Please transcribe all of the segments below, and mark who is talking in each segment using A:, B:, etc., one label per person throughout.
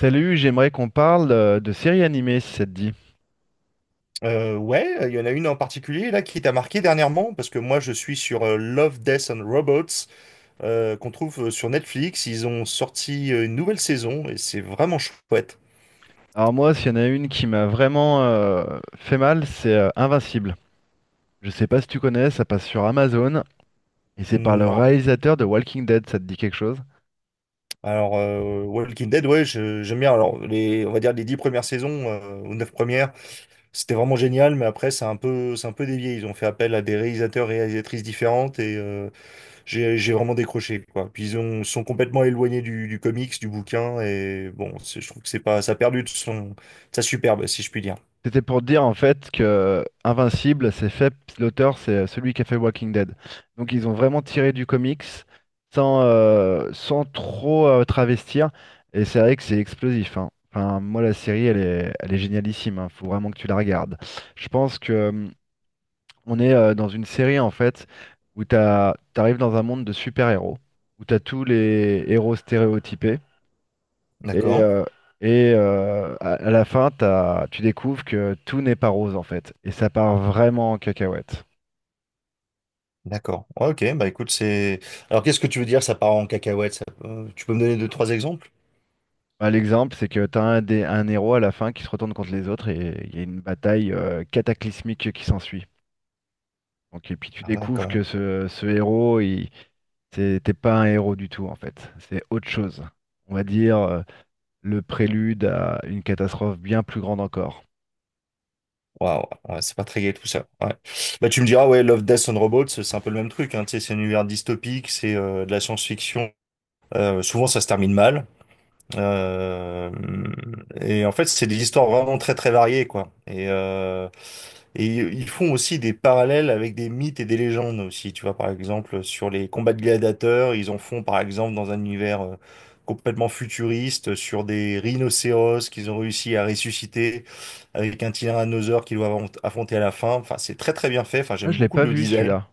A: Salut, j'aimerais qu'on parle de séries animées si ça te dit.
B: Ouais, il y en a une en particulier là qui t'a marqué dernièrement parce que moi je suis sur Love, Death and Robots qu'on trouve sur Netflix. Ils ont sorti une nouvelle saison et c'est vraiment chouette.
A: Alors moi, s'il y en a une qui m'a vraiment fait mal, c'est Invincible. Je sais pas si tu connais, ça passe sur Amazon et c'est par le
B: Non.
A: réalisateur de Walking Dead, ça te dit quelque chose?
B: Alors Walking Dead, ouais, j'aime bien. Alors on va dire les 10 premières saisons ou neuf premières, c'était vraiment génial, mais après c'est un peu dévié. Ils ont fait appel à des réalisateurs, réalisatrices différentes et j'ai vraiment décroché, quoi. Puis ils sont complètement éloignés du comics, du bouquin, et bon, je trouve que c'est pas, ça a perdu de sa superbe, si je puis dire.
A: C'était pour dire en fait que Invincible, c'est fait, l'auteur, c'est celui qui a fait Walking Dead. Donc ils ont vraiment tiré du comics sans trop travestir. Et c'est vrai que c'est explosif, hein. Enfin, moi, la série, elle est génialissime, hein. Faut vraiment que tu la regardes. Je pense que on est dans une série en fait où t'as, t'arrives dans un monde de super-héros, où t'as tous les héros stéréotypés. Et,
B: D'accord,
A: euh, et à la fin, tu découvres que tout n'est pas rose en fait. Et ça part vraiment en cacahuète.
B: d'accord. Ouais, ok, bah écoute, c'est. Alors qu'est-ce que tu veux dire, ça part en cacahuète, tu peux me donner deux, trois exemples?
A: Bah, l'exemple, c'est que tu as un héros à la fin qui se retourne contre les autres, et il y a une bataille cataclysmique qui s'ensuit. Donc, et puis tu
B: Ah ouais, quand
A: découvres que
B: même.
A: ce héros, il, c'était pas un héros du tout en fait. C'est autre chose. On va dire le prélude à une catastrophe bien plus grande encore.
B: Waouh, ouais, c'est pas très gai tout ça. Ouais. Bah tu me diras, ouais, Love, Death and Robots, c'est un peu le même truc, hein, tu sais, c'est un univers dystopique, c'est de la science-fiction. Souvent ça se termine mal. Euh, et en fait, c'est des histoires vraiment très très variées, quoi. Et ils font aussi des parallèles avec des mythes et des légendes aussi. Tu vois, par exemple, sur les combats de gladiateurs, ils en font par exemple dans un univers complètement futuriste, sur des rhinocéros qu'ils ont réussi à ressusciter avec un tyrannosaure qu'ils doivent affronter à la fin. Enfin, c'est très très bien fait. Enfin,
A: Ah,
B: j'aime
A: je l'ai
B: beaucoup
A: pas
B: le
A: vu
B: design.
A: celui-là.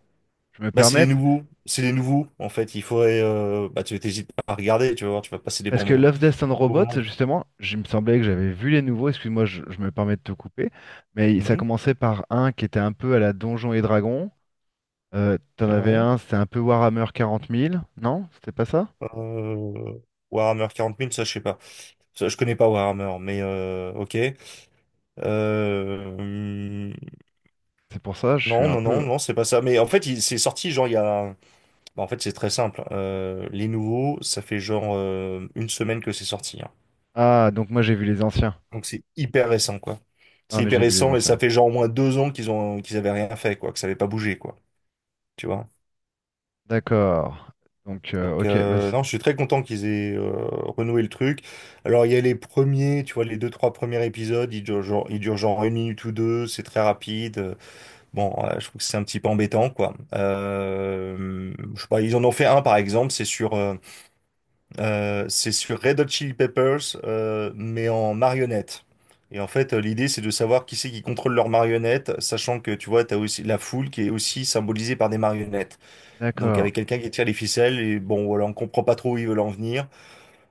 A: Je me
B: Bah,
A: permets,
B: c'est les nouveaux en fait. Il faudrait, bah, tu t'hésites pas à regarder, tu vas voir, tu vas passer des
A: parce
B: bons
A: que
B: moments.
A: Love, Death and
B: Bons moments.
A: Robots, justement, il me semblait que j'avais vu les nouveaux, excuse-moi, je me permets de te couper, mais ça
B: Mhm.
A: commençait par un qui était un peu à la Donjons et Dragons. T'en avais
B: Ouais.
A: un, c'était un peu Warhammer 40 000, non? C'était pas ça?
B: Euh, Warhammer 40 000, ça, je sais pas. Ça, je connais pas Warhammer, mais ok. Euh, hum,
A: C'est pour ça, je suis
B: non,
A: un
B: non,
A: peu...
B: non, non, c'est pas ça. Mais en fait, c'est sorti, genre, il y a... bah, en fait, c'est très simple. Les nouveaux, ça fait genre une semaine que c'est sorti. Hein.
A: Ah, donc moi j'ai vu les anciens.
B: Donc, c'est hyper récent, quoi.
A: Ah,
B: C'est
A: mais
B: hyper
A: j'ai vu les
B: récent et ça
A: anciens.
B: fait genre au moins 2 ans qu'ils avaient rien fait, quoi, que ça avait pas bougé, quoi. Tu vois?
A: D'accord. Donc,
B: Donc
A: ok, bah, c'est-
B: non, je suis très content qu'ils aient renoué le truc. Alors il y a les premiers, tu vois, les deux, trois premiers épisodes, ils durent genre une minute ou deux, c'est très rapide. Bon, je trouve que c'est un petit peu embêtant, quoi. Je sais pas, ils en ont fait un par exemple, c'est sur Red Hot Chili Peppers, mais en marionnette. Et en fait, l'idée, c'est de savoir qui c'est qui contrôle leurs marionnettes, sachant que, tu vois, t'as aussi la foule qui est aussi symbolisée par des marionnettes. Donc
A: d'accord.
B: avec quelqu'un qui tire les ficelles, et bon voilà, on comprend pas trop où ils veulent en venir.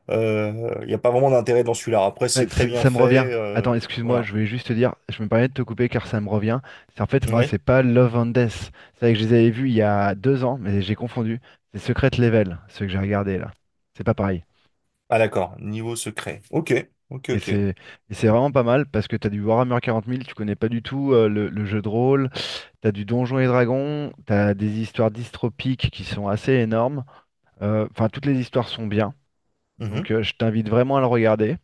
B: Il n'y a pas vraiment d'intérêt dans celui-là. Après,
A: Ouais,
B: c'est très
A: ça,
B: bien
A: ça me
B: fait.
A: revient. Attends, excuse-moi,
B: Voilà.
A: je voulais juste te dire, je me permets de te couper car ça me revient. C'est en fait, moi,
B: Ouais.
A: c'est pas Love and Death. C'est vrai que je les avais vus il y a 2 ans, mais j'ai confondu. C'est Secret Level, ceux que j'ai regardé là. C'est pas pareil.
B: Ah d'accord, niveau secret. Ok, ok,
A: Et
B: ok.
A: c'est et c'est vraiment pas mal parce que t'as du Warhammer 40 000, tu connais pas du tout le jeu de rôle, t'as du Donjons et Dragons, t'as des histoires dystopiques qui sont assez énormes. Enfin, toutes les histoires sont bien.
B: Mhm,
A: Donc, je t'invite vraiment à le regarder.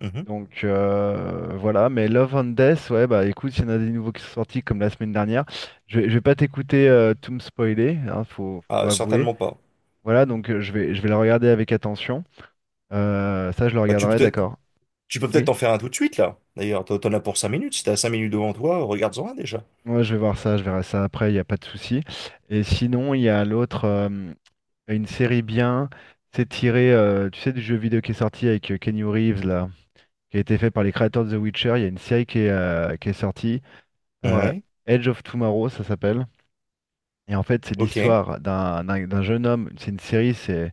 B: mhm.
A: Donc, voilà, mais Love and Death, ouais, bah écoute, il y en a des nouveaux qui sont sortis comme la semaine dernière. Je vais pas t'écouter tout me spoiler, hein, faut
B: Ah,
A: avouer.
B: certainement pas.
A: Voilà, donc je vais le regarder avec attention. Ça, je le
B: Bah
A: regarderai, d'accord.
B: tu peux peut-être
A: Oui,
B: en faire un tout de suite là. D'ailleurs, t'en as pour 5 minutes. Si t'as 5 minutes devant toi, regarde-en un déjà.
A: moi je vais voir ça, je verrai ça après, il n'y a pas de souci. Et sinon, il y a l'autre, une série bien, c'est tiré, tu sais, du jeu vidéo qui est sorti avec Keanu Reeves, là, qui a été fait par les créateurs de The Witcher. Il y a une série qui est, qui est sortie, euh,
B: Ouais,
A: Edge of Tomorrow, ça s'appelle. Et en fait, c'est
B: ok.
A: l'histoire d'un jeune homme. C'est une série, c'est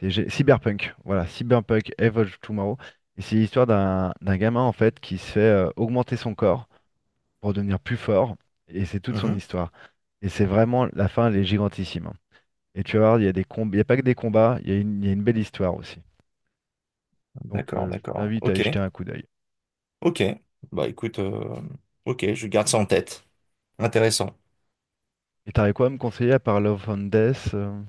A: c'est gé- Cyberpunk. Voilà, Cyberpunk Evolve Tomorrow. Et c'est l'histoire d'un gamin en fait qui se fait augmenter son corps pour devenir plus fort. Et c'est toute son
B: Mhm.
A: histoire. Et c'est vraiment la fin, elle est gigantissime, hein. Et tu vas voir, il y a des combats, il y a pas que des combats, il y a une belle histoire aussi. Donc,
B: D'accord,
A: je
B: d'accord.
A: t'invite à y
B: Ok,
A: jeter un coup d'œil.
B: ok. Bah écoute, ok, je garde ça en tête. Intéressant.
A: Et t'aurais quoi à me conseiller à part Love and Death?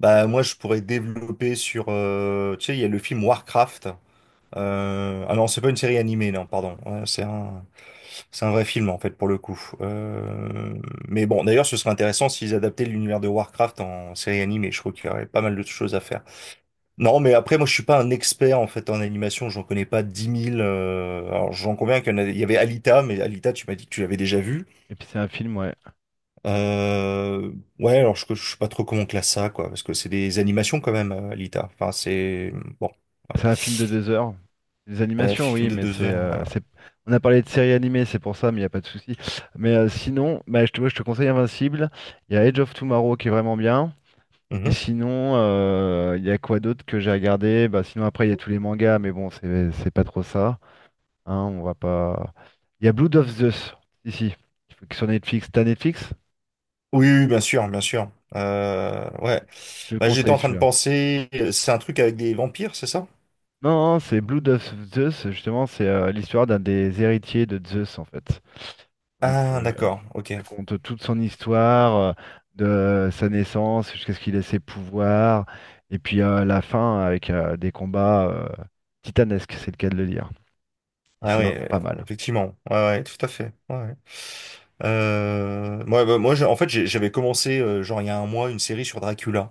B: Bah moi je pourrais développer sur tu sais il y a le film Warcraft. Ah non c'est pas une série animée, non, pardon. Ouais, c'est un vrai film en fait pour le coup. Mais bon d'ailleurs ce serait intéressant s'ils adaptaient l'univers de Warcraft en série animée. Je crois qu'il y aurait pas mal de choses à faire. Non mais après moi je suis pas un expert en fait en animation. J'en connais pas 10 000 alors j'en conviens qu'il y avait Alita mais Alita tu m'as dit que tu l'avais déjà vu.
A: Et puis c'est un film, ouais.
B: Euh, ouais, alors je sais pas trop comment on classe ça, quoi, parce que c'est des animations quand même, Alita. Enfin, c'est bon. Ouais.
A: C'est un film de 2 heures. Des
B: Ouais,
A: animations,
B: film
A: oui,
B: de
A: mais
B: deux heures. Voilà.
A: c'est- On a parlé de séries animées, c'est pour ça, mais il n'y a pas de souci. Mais sinon, bah, je te, ouais, je te conseille Invincible. Il y a Edge of Tomorrow qui est vraiment bien. Et
B: Mhm.
A: sinon, il y a quoi d'autre que j'ai regardé? Bah, sinon, après, il y a tous les mangas, mais bon, c'est pas trop ça. Hein, on va pas. Il y a Blood of Zeus, ici, sur Netflix. T'as Netflix?
B: Oui, oui, bien sûr, bien sûr. Ouais.
A: Je te le
B: Bah, j'étais
A: conseille
B: en train de
A: celui-là.
B: penser, c'est un truc avec des vampires, c'est ça?
A: Non, non, c'est Blood of Zeus, justement, c'est l'histoire d'un des héritiers de Zeus, en fait. Donc,
B: Ah,
A: euh,
B: d'accord, ok.
A: Ça compte toute son histoire, de sa naissance jusqu'à ce qu'il ait ses pouvoirs, et puis la fin avec des combats titanesques, c'est le cas de le dire. Et
B: Ah
A: c'est
B: oui,
A: vraiment pas mal.
B: effectivement. Ouais, ouais, tout à fait. Ouais. Ouais. Ouais, bah, moi, j'avais commencé, genre, il y a un mois, une série sur Dracula.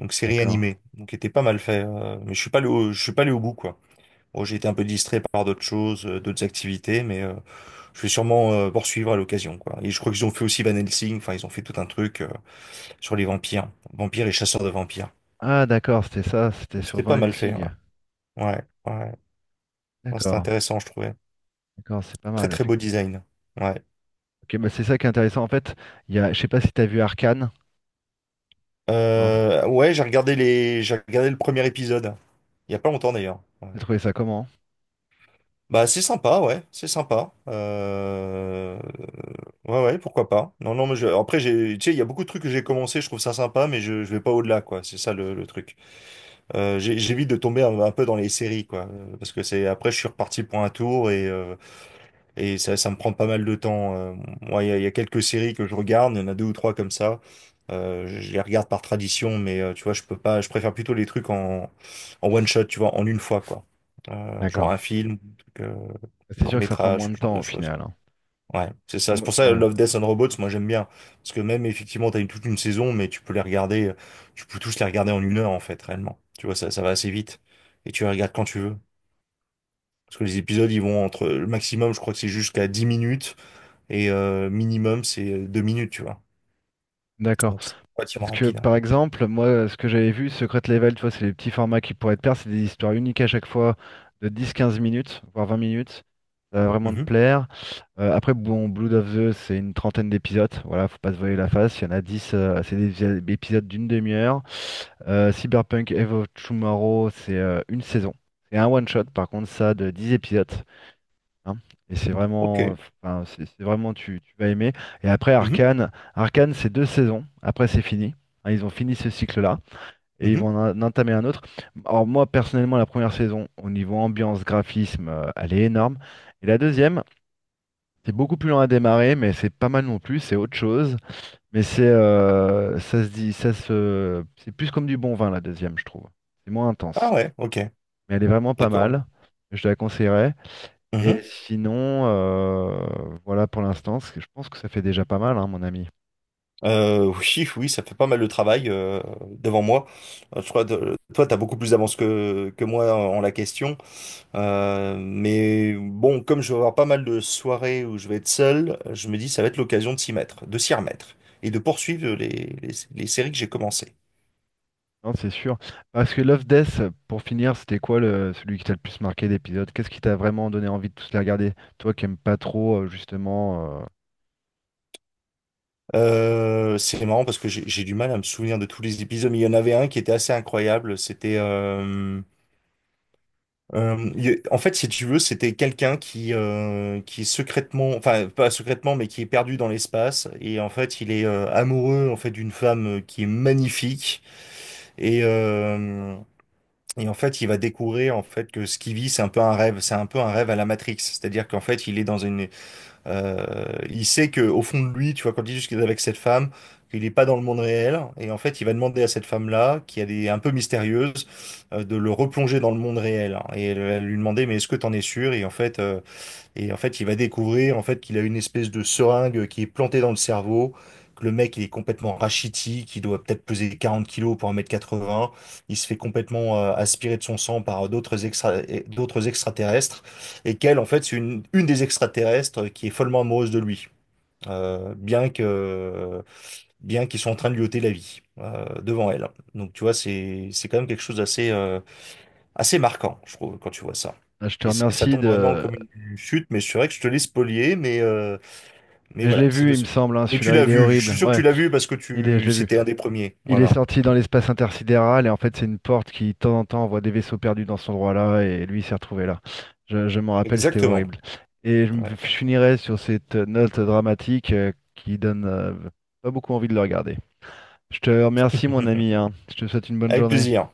B: Donc série
A: D'accord?
B: animée, donc qui était pas mal fait. Mais je suis pas allé je suis pas allé au bout quoi. Bon, j'ai été un peu distrait par d'autres choses, d'autres activités, mais je vais sûrement poursuivre à l'occasion quoi. Et je crois qu'ils ont fait aussi Van Helsing. Enfin, ils ont fait tout un truc sur les vampires, vampires et chasseurs de vampires.
A: Ah, d'accord, c'était ça, c'était
B: Et
A: sur
B: c'était pas mal fait. Ouais,
A: Sig.
B: ouais, ouais. Non, c'était
A: D'accord,
B: intéressant, je trouvais.
A: d'accord, c'est pas
B: Très
A: mal,
B: très beau
A: effectivement.
B: design. Ouais,
A: Ok, bah c'est ça qui est intéressant. En fait, il y a, je sais pas si t'as vu Arcane, non?
B: ouais, j'ai regardé j'ai regardé le premier épisode. Il y a pas longtemps d'ailleurs. Ouais.
A: T'as trouvé ça comment?
B: Bah, c'est sympa. Ouais, ouais, pourquoi pas. Non, non, mais je... après, j'ai, tu sais, il y a beaucoup de trucs que j'ai commencé, je trouve ça sympa, mais je vais pas au-delà, quoi. C'est ça le truc. J'évite de tomber un peu dans les séries, quoi, parce que c'est après, je suis reparti pour un tour et ça me prend pas mal de temps. Moi, il il y a quelques séries que je regarde, il y en a deux ou trois comme ça. Je les regarde par tradition, mais tu vois, je peux pas, je préfère plutôt les trucs en one shot, tu vois, en une fois, quoi. Genre
A: D'accord.
B: un film, un truc,
A: C'est sûr que ça prend
B: court-métrage,
A: moins de
B: ce genre
A: temps
B: de
A: au
B: choses.
A: final, hein.
B: Ouais, c'est ça. C'est pour ça
A: Ouais.
B: Love, Death and Robots, moi j'aime bien. Parce que même effectivement, t'as toute une saison, mais tu peux les regarder, tu peux tous les regarder en une heure en fait, réellement. Tu vois, ça va assez vite. Et tu les regardes quand tu veux. Parce que les épisodes, ils vont le maximum, je crois que c'est jusqu'à 10 minutes. Et minimum, c'est 2 minutes, tu vois.
A: D'accord.
B: Donc c'est relativement
A: Parce que
B: rapide.
A: par exemple, moi, ce que j'avais vu, Secret Level, tu vois, c'est les petits formats qui pourraient te plaire, c'est des histoires uniques à chaque fois de 10-15 minutes, voire 20 minutes. Ça va vraiment te
B: Mhm.
A: plaire. Après, bon, Blood of the, c'est une trentaine d'épisodes. Voilà, faut pas se voiler la face. Il y en a 10, c'est des des épisodes d'une demi-heure. Cyberpunk Evo Tomorrow, c'est une saison. C'est un one-shot, par contre, ça, de 10 épisodes, hein. Et c'est
B: Ok.
A: vraiment, enfin, c'est vraiment, tu vas aimer. Et après,
B: Mhm.
A: Arcane, c'est deux saisons. Après, c'est fini. Hein, ils ont fini ce cycle-là et ils vont
B: Mhm.
A: en entamer un autre. Alors, moi, personnellement, la première saison, au niveau ambiance, graphisme, elle est énorme. Et la deuxième, c'est beaucoup plus lent à démarrer, mais c'est pas mal non plus. C'est autre chose. Mais c'est, ça se dit, ça se, c'est plus comme du bon vin, la deuxième, je trouve. C'est moins
B: Ah
A: intense.
B: ouais, ok.
A: Mais elle est vraiment pas
B: D'accord.
A: mal. Je te la conseillerais. Et
B: Mhm.
A: sinon, voilà pour l'instant, je pense que ça fait déjà pas mal, hein, mon ami.
B: Oui, oui, ça fait pas mal de travail devant moi. Je crois que toi, t'as beaucoup plus d'avance que moi en la question. Mais bon, comme je vais avoir pas mal de soirées où je vais être seul, je me dis ça va être l'occasion de s'y mettre, de s'y remettre et de poursuivre les séries que j'ai commencées.
A: Non, c'est sûr. Parce que Love Death, pour finir, c'était quoi celui qui t'a le plus marqué d'épisode? Qu'est-ce qui t'a vraiment donné envie de tous les regarder? Toi qui aimes pas trop, justement.
B: C'est marrant parce que j'ai du mal à me souvenir de tous les épisodes, mais il y en avait un qui était assez incroyable. En fait, si tu veux, c'était quelqu'un qui est secrètement, enfin pas secrètement, mais qui est perdu dans l'espace et en fait, il est amoureux en fait d'une femme qui est magnifique et et en fait, il va découvrir en fait que ce qu'il vit, c'est un peu un rêve, c'est un peu un rêve à la Matrix. C'est-à-dire qu'en fait, il est il sait que au fond de lui, tu vois, quand il dit juste qu'il est avec cette femme, qu'il n'est pas dans le monde réel, et en fait, il va demander à cette femme-là, qui elle est un peu mystérieuse, de le replonger dans le monde réel, hein. Et elle va lui demander, mais est-ce que t'en es sûr? Et en fait, il va découvrir en fait qu'il a une espèce de seringue qui est plantée dans le cerveau, que le mec il est complètement rachitique, il doit peut-être peser 40 kilos pour 1,80 m, il se fait complètement aspirer de son sang par d'autres extraterrestres, et qu'elle en fait c'est une des extraterrestres qui est follement amoureuse de lui, euh, bien que bien qu'ils sont en train de lui ôter la vie devant elle. Donc tu vois, c'est quand même quelque chose d'assez assez marquant, je trouve, quand tu vois ça.
A: Ah, je te
B: Et ça
A: remercie
B: tombe vraiment
A: de.
B: comme une chute, mais c'est vrai que je te l'ai spolié, mais
A: Mais je
B: voilà,
A: l'ai
B: c'est le...
A: vu, il me semble, hein,
B: Mais tu
A: celui-là,
B: l'as
A: il est
B: vu, je suis
A: horrible.
B: sûr que
A: Ouais,
B: tu l'as vu parce que
A: je
B: tu
A: l'ai vu.
B: c'était un des premiers,
A: Il est
B: voilà.
A: sorti dans l'espace intersidéral et en fait c'est une porte qui de temps en temps envoie des vaisseaux perdus dans cet endroit-là et lui il s'est retrouvé là. Je m'en rappelle, c'était
B: Exactement.
A: horrible. Et je
B: Ouais.
A: finirai sur cette note dramatique qui donne pas beaucoup envie de le regarder. Je te remercie mon ami, hein. Je te souhaite une bonne
B: Avec
A: journée.
B: plaisir.